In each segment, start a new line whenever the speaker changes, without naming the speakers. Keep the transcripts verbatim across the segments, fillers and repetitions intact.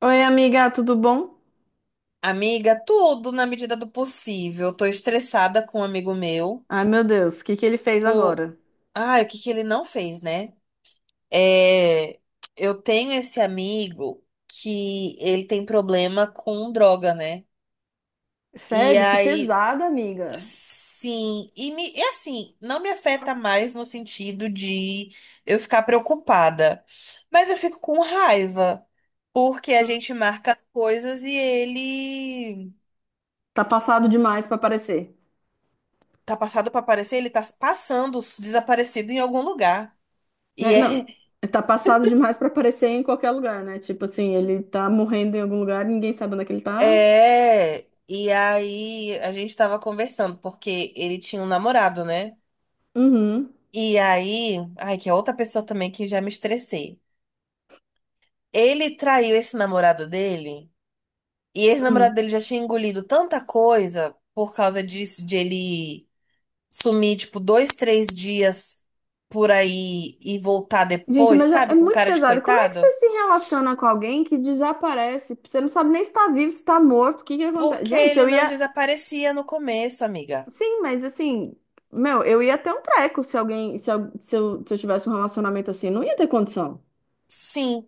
Oi, amiga, tudo bom?
Amiga, tudo na medida do possível. Tô estressada com um amigo meu.
Ai, meu Deus, o que que ele fez
Tô...
agora?
Ai, o que que ele não fez, né? É... Eu tenho esse amigo que ele tem problema com droga, né? E
Sério, que
aí,
pesada, amiga.
sim, e me... e assim, não me afeta mais no sentido de eu ficar preocupada, mas eu fico com raiva, porque a gente marca as coisas e ele.
Tá passado demais pra aparecer,
Tá passado pra aparecer, ele tá passando desaparecido em algum lugar. E
né? Não,
é,
tá passado demais pra aparecer em qualquer lugar, né? Tipo assim, ele tá morrendo em algum lugar, ninguém sabe onde é que ele tá.
é. E aí a gente tava conversando, porque ele tinha um namorado, né?
Uhum.
E aí. Ai, que é outra pessoa também que já me estressei. Ele traiu esse namorado dele, e esse
Hum.
namorado dele já tinha engolido tanta coisa por causa disso, de ele sumir, tipo, dois, três dias por aí e voltar
Gente,
depois,
mas é, é
sabe? Com
muito
cara de
pesado. Como é que você
coitado.
se relaciona com alguém que desaparece? Você não sabe nem se tá vivo, se tá morto, o que que acontece?
Porque
Gente,
ele
eu
não
ia,
desaparecia no começo, amiga.
sim, mas assim, meu, eu ia ter um treco se alguém, se, al- se eu, se eu tivesse um relacionamento assim, não ia ter condição.
Sim.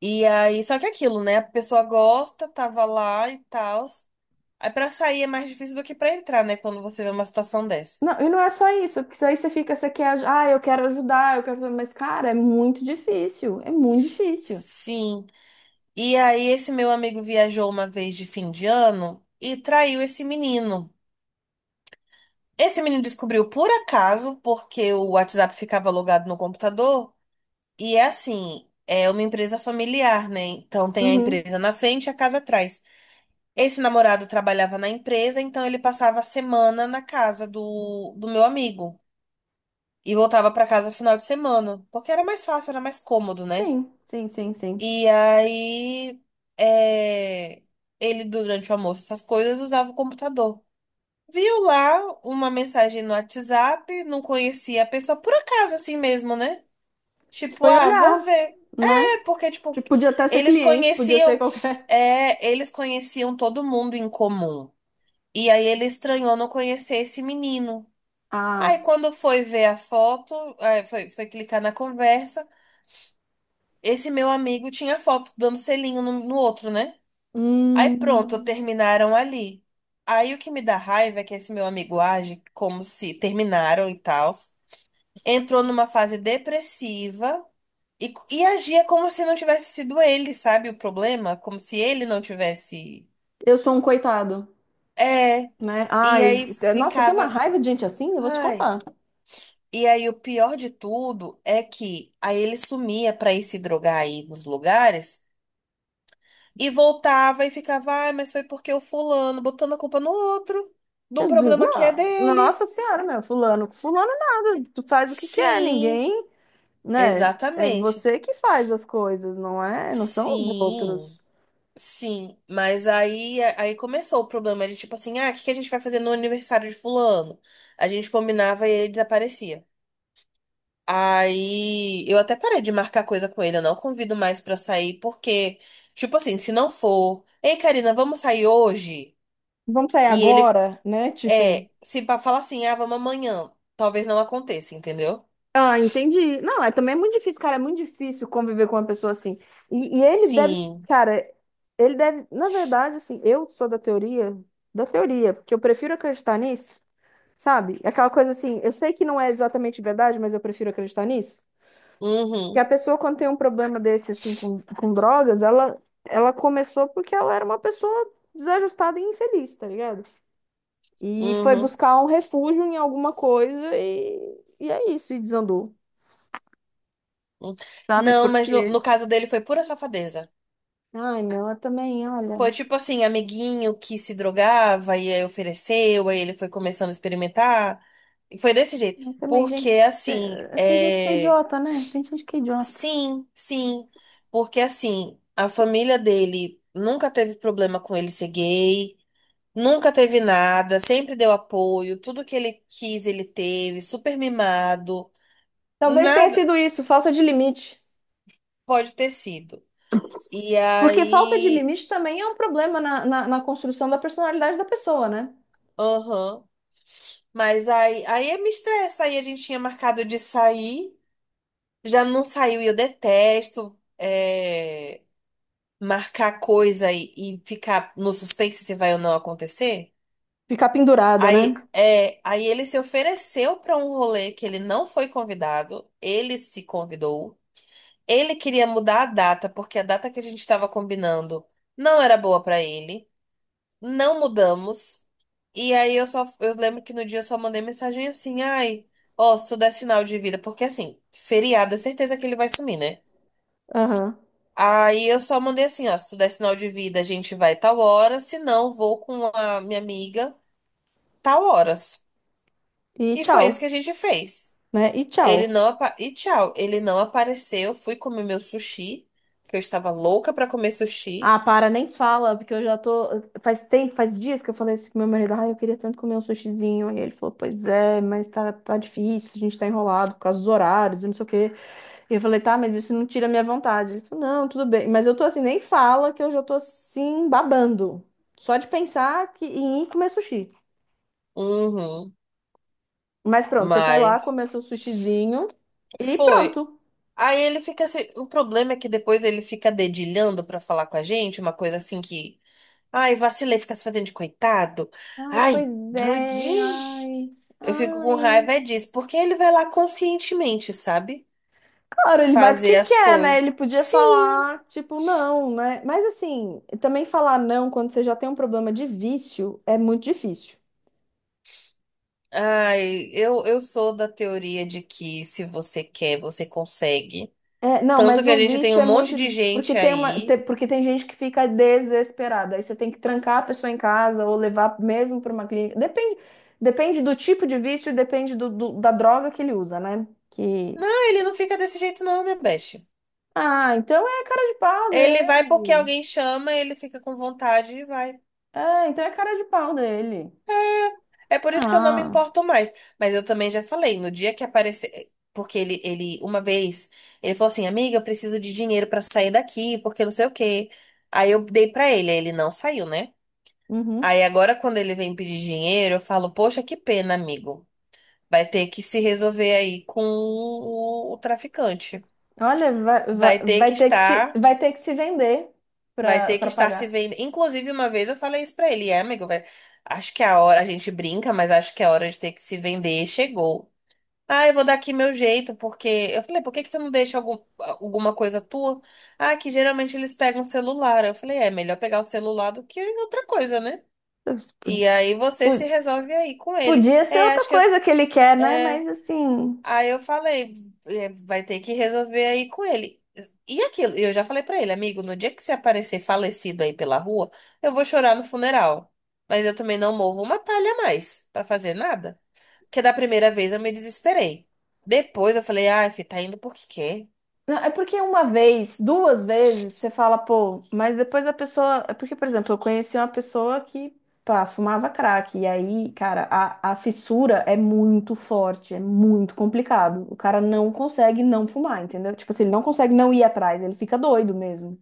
E aí, só que aquilo, né? A pessoa gosta, tava lá e tal. Aí pra sair é mais difícil do que pra entrar, né? Quando você vê uma situação dessa.
Não, e não é só isso, porque daí você fica, você quer, aj- ah, eu quero ajudar, eu quero, mas cara, é muito difícil, é muito difícil.
Sim. E aí, esse meu amigo viajou uma vez de fim de ano e traiu esse menino. Esse menino descobriu por acaso, porque o WhatsApp ficava logado no computador. E é assim, é uma empresa familiar, né? Então tem a
Uhum,
empresa na frente e a casa atrás. Esse namorado trabalhava na empresa, então ele passava a semana na casa do, do meu amigo e voltava para casa final de semana, porque era mais fácil, era mais cômodo, né?
sim, Sim, sim, sim.
E aí, é, ele, durante o almoço, essas coisas, usava o computador. Viu lá uma mensagem no WhatsApp, não conhecia a pessoa, por acaso, assim mesmo, né? Tipo,
Foi
ah, vou
olhar,
ver.
né?
É porque, tipo,
Tipo, podia até ser
eles
cliente, podia ser
conheciam,
qualquer.
é, eles conheciam todo mundo em comum. E aí ele estranhou não conhecer esse menino.
Ah,
Aí quando foi ver a foto, aí foi, foi clicar na conversa, esse meu amigo tinha a foto dando selinho no, no outro, né? Aí pronto,
hum,
terminaram ali. Aí o que me dá raiva é que esse meu amigo age como se terminaram e tal. Entrou numa fase depressiva e, e agia como se não tivesse sido ele, sabe, o problema? Como se ele não tivesse.
eu sou um coitado,
É.
né?
E
Ai,
aí
te- nossa, eu tenho uma
ficava.
raiva de gente assim, eu vou te
Ai.
contar.
E aí, o pior de tudo é que aí ele sumia para ir se drogar aí nos lugares e voltava e ficava, ah, mas foi porque o fulano, botando a culpa no outro, de um
Eu disse,
problema que é
não,
dele.
nossa senhora, meu, fulano, fulano nada, tu faz o que quer,
Sim,
ninguém, né? É
exatamente.
você que faz as coisas, não é? Não são os
Sim,
outros.
sim. Mas aí, aí começou o problema de tipo assim, ah, o que que a gente vai fazer no aniversário de fulano? A gente combinava e ele desaparecia. Aí eu até parei de marcar coisa com ele, eu não convido mais pra sair, porque, tipo assim, se não for, ei, Karina, vamos sair hoje?
Vamos sair
E ele
agora, né? Tipo,
é, se pa- falar assim, ah, vamos amanhã, talvez não aconteça, entendeu?
ah, entendi. Não, é também é muito difícil, cara, é muito difícil conviver com uma pessoa assim. E, e ele deve,
Sim.
cara, ele deve, na verdade, assim, eu sou da teoria, da teoria, porque eu prefiro acreditar nisso, sabe? Aquela coisa assim, eu sei que não é exatamente verdade, mas eu prefiro acreditar nisso. Porque
Uhum,
a pessoa, quando tem um problema desse, assim, com, com drogas, ela, ela começou porque ela era uma pessoa desajustada e infeliz, tá ligado? E foi
uhum,
buscar um refúgio em alguma coisa e, e é isso, e desandou,
uhum.
sabe?
Não, mas no,
Porque.
no caso dele foi pura safadeza.
Ai, não, eu também, olha.
Foi tipo assim, amiguinho que se drogava e aí ofereceu, aí ele foi começando a experimentar. E foi desse jeito.
Eu também,
Porque
gente.
assim,
eh, Tem gente que é
é.
idiota, né? Tem gente que é idiota.
Sim, sim. Porque assim, a família dele nunca teve problema com ele ser gay, nunca teve nada, sempre deu apoio, tudo que ele quis ele teve, super mimado,
Talvez tenha
nada
sido isso, falta de limite.
pode ter sido. E
Porque falta de
aí,
limite também é um problema na, na, na construção da personalidade da pessoa, né?
aham. Mas aí, aí me estressa, aí a gente tinha marcado de sair, já não saiu e eu detesto é, marcar coisa e, e ficar no suspense se vai ou não acontecer.
Ficar pendurada, né?
Aí, é, aí ele se ofereceu para um rolê que ele não foi convidado, ele se convidou. Ele queria mudar a data, porque a data que a gente estava combinando não era boa para ele. Não mudamos. E aí eu só eu lembro que no dia eu só mandei mensagem assim: "Ai, ó, se tu der sinal de vida, porque assim, feriado é certeza que ele vai sumir, né?"
Aham.
Aí eu só mandei assim, ó, se tu der sinal de vida, a gente vai tal hora, se não, vou com a minha amiga tal horas.
E
E
tchau.
foi isso que a gente fez.
Né? E
Ele
tchau.
não apa... E tchau, ele não apareceu. Fui comer meu sushi, que eu estava louca pra comer sushi.
Ah, para, nem fala, porque eu já tô. Faz tempo, faz dias que eu falei isso pro meu marido. Ah, eu queria tanto comer um sushizinho. E ele falou, pois é, mas tá, tá difícil, a gente tá enrolado por causa dos horários, e não sei o quê. E eu falei, tá, mas isso não tira a minha vontade. Ele falou, não, tudo bem. Mas eu tô assim, nem fala, que eu já tô assim, babando. Só de pensar que, em ir comer sushi.
Uhum.
Mas pronto, você foi lá,
Mas
comeu seu sushizinho e
foi.
pronto.
Aí ele fica assim. O problema é que depois ele fica dedilhando pra falar com a gente, uma coisa assim que. Ai, vacilei, fica se fazendo de coitado.
Ai,
Ai,
pois é,
doidinho.
ai,
Eu fico com raiva
ai.
é disso, porque ele vai lá conscientemente, sabe?
Claro, ele vai
Fazer
porque
as
quer, né?
coisas.
Ele podia
Sim.
falar, tipo, não, né? Mas assim, também falar não quando você já tem um problema de vício é muito difícil.
Ai, eu, eu sou da teoria de que se você quer, você consegue.
É, não,
Tanto
mas
que a
o
gente tem um
vício é
monte
muito
de
de- porque
gente
tem uma, te-
aí.
porque tem gente que fica desesperada. Aí você tem que trancar a pessoa em casa ou levar mesmo para uma clínica. Depende, depende do tipo de vício, e depende do, do- da droga que ele usa, né? Que
Não, ele não fica desse jeito, não, minha besta.
ah, então é cara de pau
Ele vai porque
dele.
alguém chama, ele fica com vontade e vai.
É, então é cara de pau dele.
É por isso que eu não me
Ah.
importo mais. Mas eu também já falei, no dia que aparecer. eh, Porque ele, ele, uma vez, ele falou assim: Amiga, eu preciso de dinheiro pra sair daqui, porque não sei o quê. Aí eu dei pra ele, aí ele não saiu, né?
Uhum.
Aí agora, quando ele vem pedir dinheiro, eu falo: Poxa, que pena, amigo. Vai ter que se resolver aí com o, o traficante.
Olha, vai, vai,
Vai ter que
vai ter que se,
estar,
vai ter que se vender
vai
para
ter que
para
estar se
pagar.
vendo. Inclusive, uma vez eu falei isso pra ele, é, amigo, vai- acho que é a hora, a gente brinca, mas acho que é a hora de ter que se vender chegou. Ah, eu vou dar aqui meu jeito, porque. Eu falei, por que que tu não deixa algum, alguma coisa tua? Ah, que geralmente eles pegam o celular. Eu falei, é é melhor pegar o celular do que outra coisa, né?
Pu-
E aí você se
pu-
resolve aí com ele.
Podia ser
É,
outra
acho que eu.
coisa que ele quer, né?
é,
Mas assim.
Aí eu falei, é, vai ter que resolver aí com ele. E aquilo, eu já falei pra ele, amigo, no dia que você aparecer falecido aí pela rua, eu vou chorar no funeral. Mas eu também não movo uma palha a mais pra fazer nada. Porque da primeira vez eu me desesperei. Depois eu falei, ah, fi, tá indo porque quer.
Não, é porque uma vez, duas vezes, você fala, pô, mas depois a pessoa. É porque, por exemplo, eu conheci uma pessoa que, pá, fumava crack. E aí, cara, a, a fissura é muito forte, é muito complicado. O cara não consegue não fumar, entendeu? Tipo assim, ele não consegue não ir atrás, ele fica doido mesmo.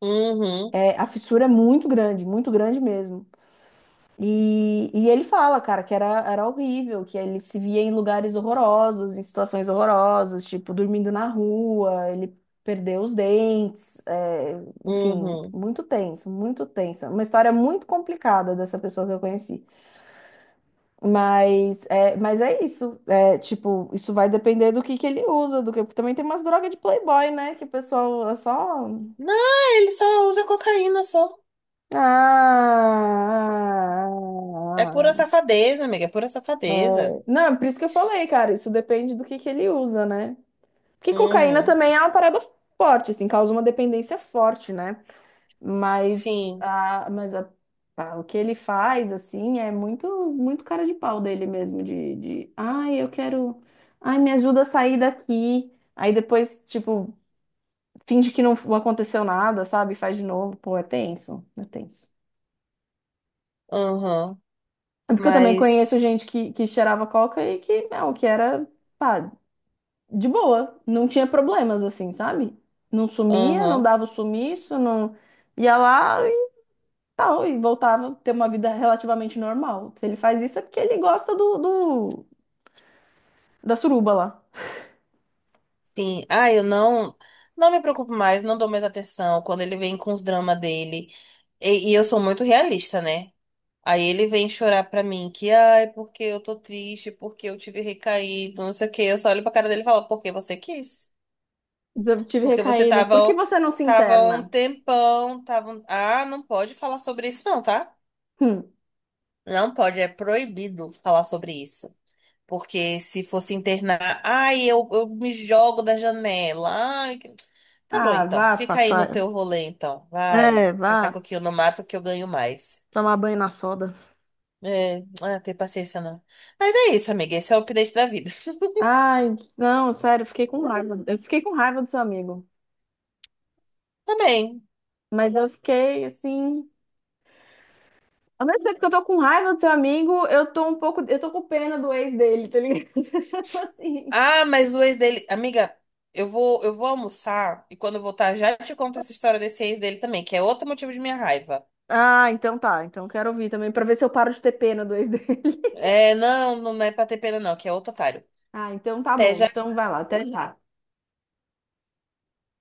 Uhum,
É, a fissura é muito grande, muito grande mesmo. E, e ele fala, cara, que era, era horrível, que ele se via em lugares horrorosos, em situações horrorosas, tipo, dormindo na rua, ele perdeu os dentes, é, enfim,
uhum.
muito tenso, muito tensa. Uma história muito complicada dessa pessoa que eu conheci. Mas é, mas é isso, é, tipo, isso vai depender do que que ele usa, do que, porque também tem umas drogas de playboy, né, que o pessoal é só...
Não, ele só usa cocaína só.
Ah... ah, ah, ah,
É pura
ah, ah.
safadeza, amiga, é pura
É,
safadeza.
não, por isso que eu falei, cara, isso depende do que que ele usa, né? Porque cocaína
Uhum,
também é uma parada forte, assim, causa uma dependência forte, né? Mas,
sim,
a, mas a, a- o que ele faz, assim, é muito, muito cara de pau dele mesmo, de, de, ai, eu quero, ai, me ajuda a sair daqui. Aí depois, tipo, finge que não aconteceu nada, sabe? Faz de novo, pô, é tenso, é tenso.
uhum,
É porque eu também
mas,
conheço gente que, que cheirava coca e que, não, que era... pá, de boa, não tinha problemas assim, sabe? Não sumia, não
uhum.
dava o sumiço, não ia lá e tal, e voltava a ter uma vida relativamente normal. Se ele faz isso é porque ele gosta do, do- da suruba lá.
Sim, ah, eu não não me preocupo mais, não dou mais atenção quando ele vem com os dramas dele. E, e eu sou muito realista, né? Aí ele vem chorar pra mim que, ai, porque eu tô triste, porque eu tive recaído, não sei o quê. Eu só olho pra cara dele e falo, porque você quis?
Eu tive
Porque você
recaída. Por que
tava,
você não se
tava um
interna?
tempão, tava. um- Ah, não pode falar sobre isso, não, tá?
Hum.
Não pode, é proibido falar sobre isso. Porque se fosse internar, ai, eu, eu me jogo da janela. Ai, que- tá bom
Ah,
então.
vá
Fica aí no
passar.
teu rolê então. Vai,
É,
catar
vá
coquinho no mato que eu ganho mais.
tomar banho na soda.
É, ah, tem paciência não. Mas é isso, amiga. Esse é o update da vida.
Ai, não, sério, eu fiquei com raiva. Eu fiquei com raiva do seu amigo.
Tá bem.
Mas eu fiquei assim. Ao mesmo tempo que eu tô com raiva do teu amigo, eu tô um pouco. Eu tô com pena do ex dele, tá ligado? Eu tô assim.
Ah, mas o ex dele, amiga, eu vou, eu vou almoçar e quando eu voltar já te conto essa história desse ex dele também, que é outro motivo de minha raiva.
Ah, então tá. Então quero ouvir também, pra ver se eu paro de ter pena do ex dele.
É, não, não é pra ter pena não, que é outro otário.
Ah, então tá
Até
bom.
já.
Então vai lá, até já.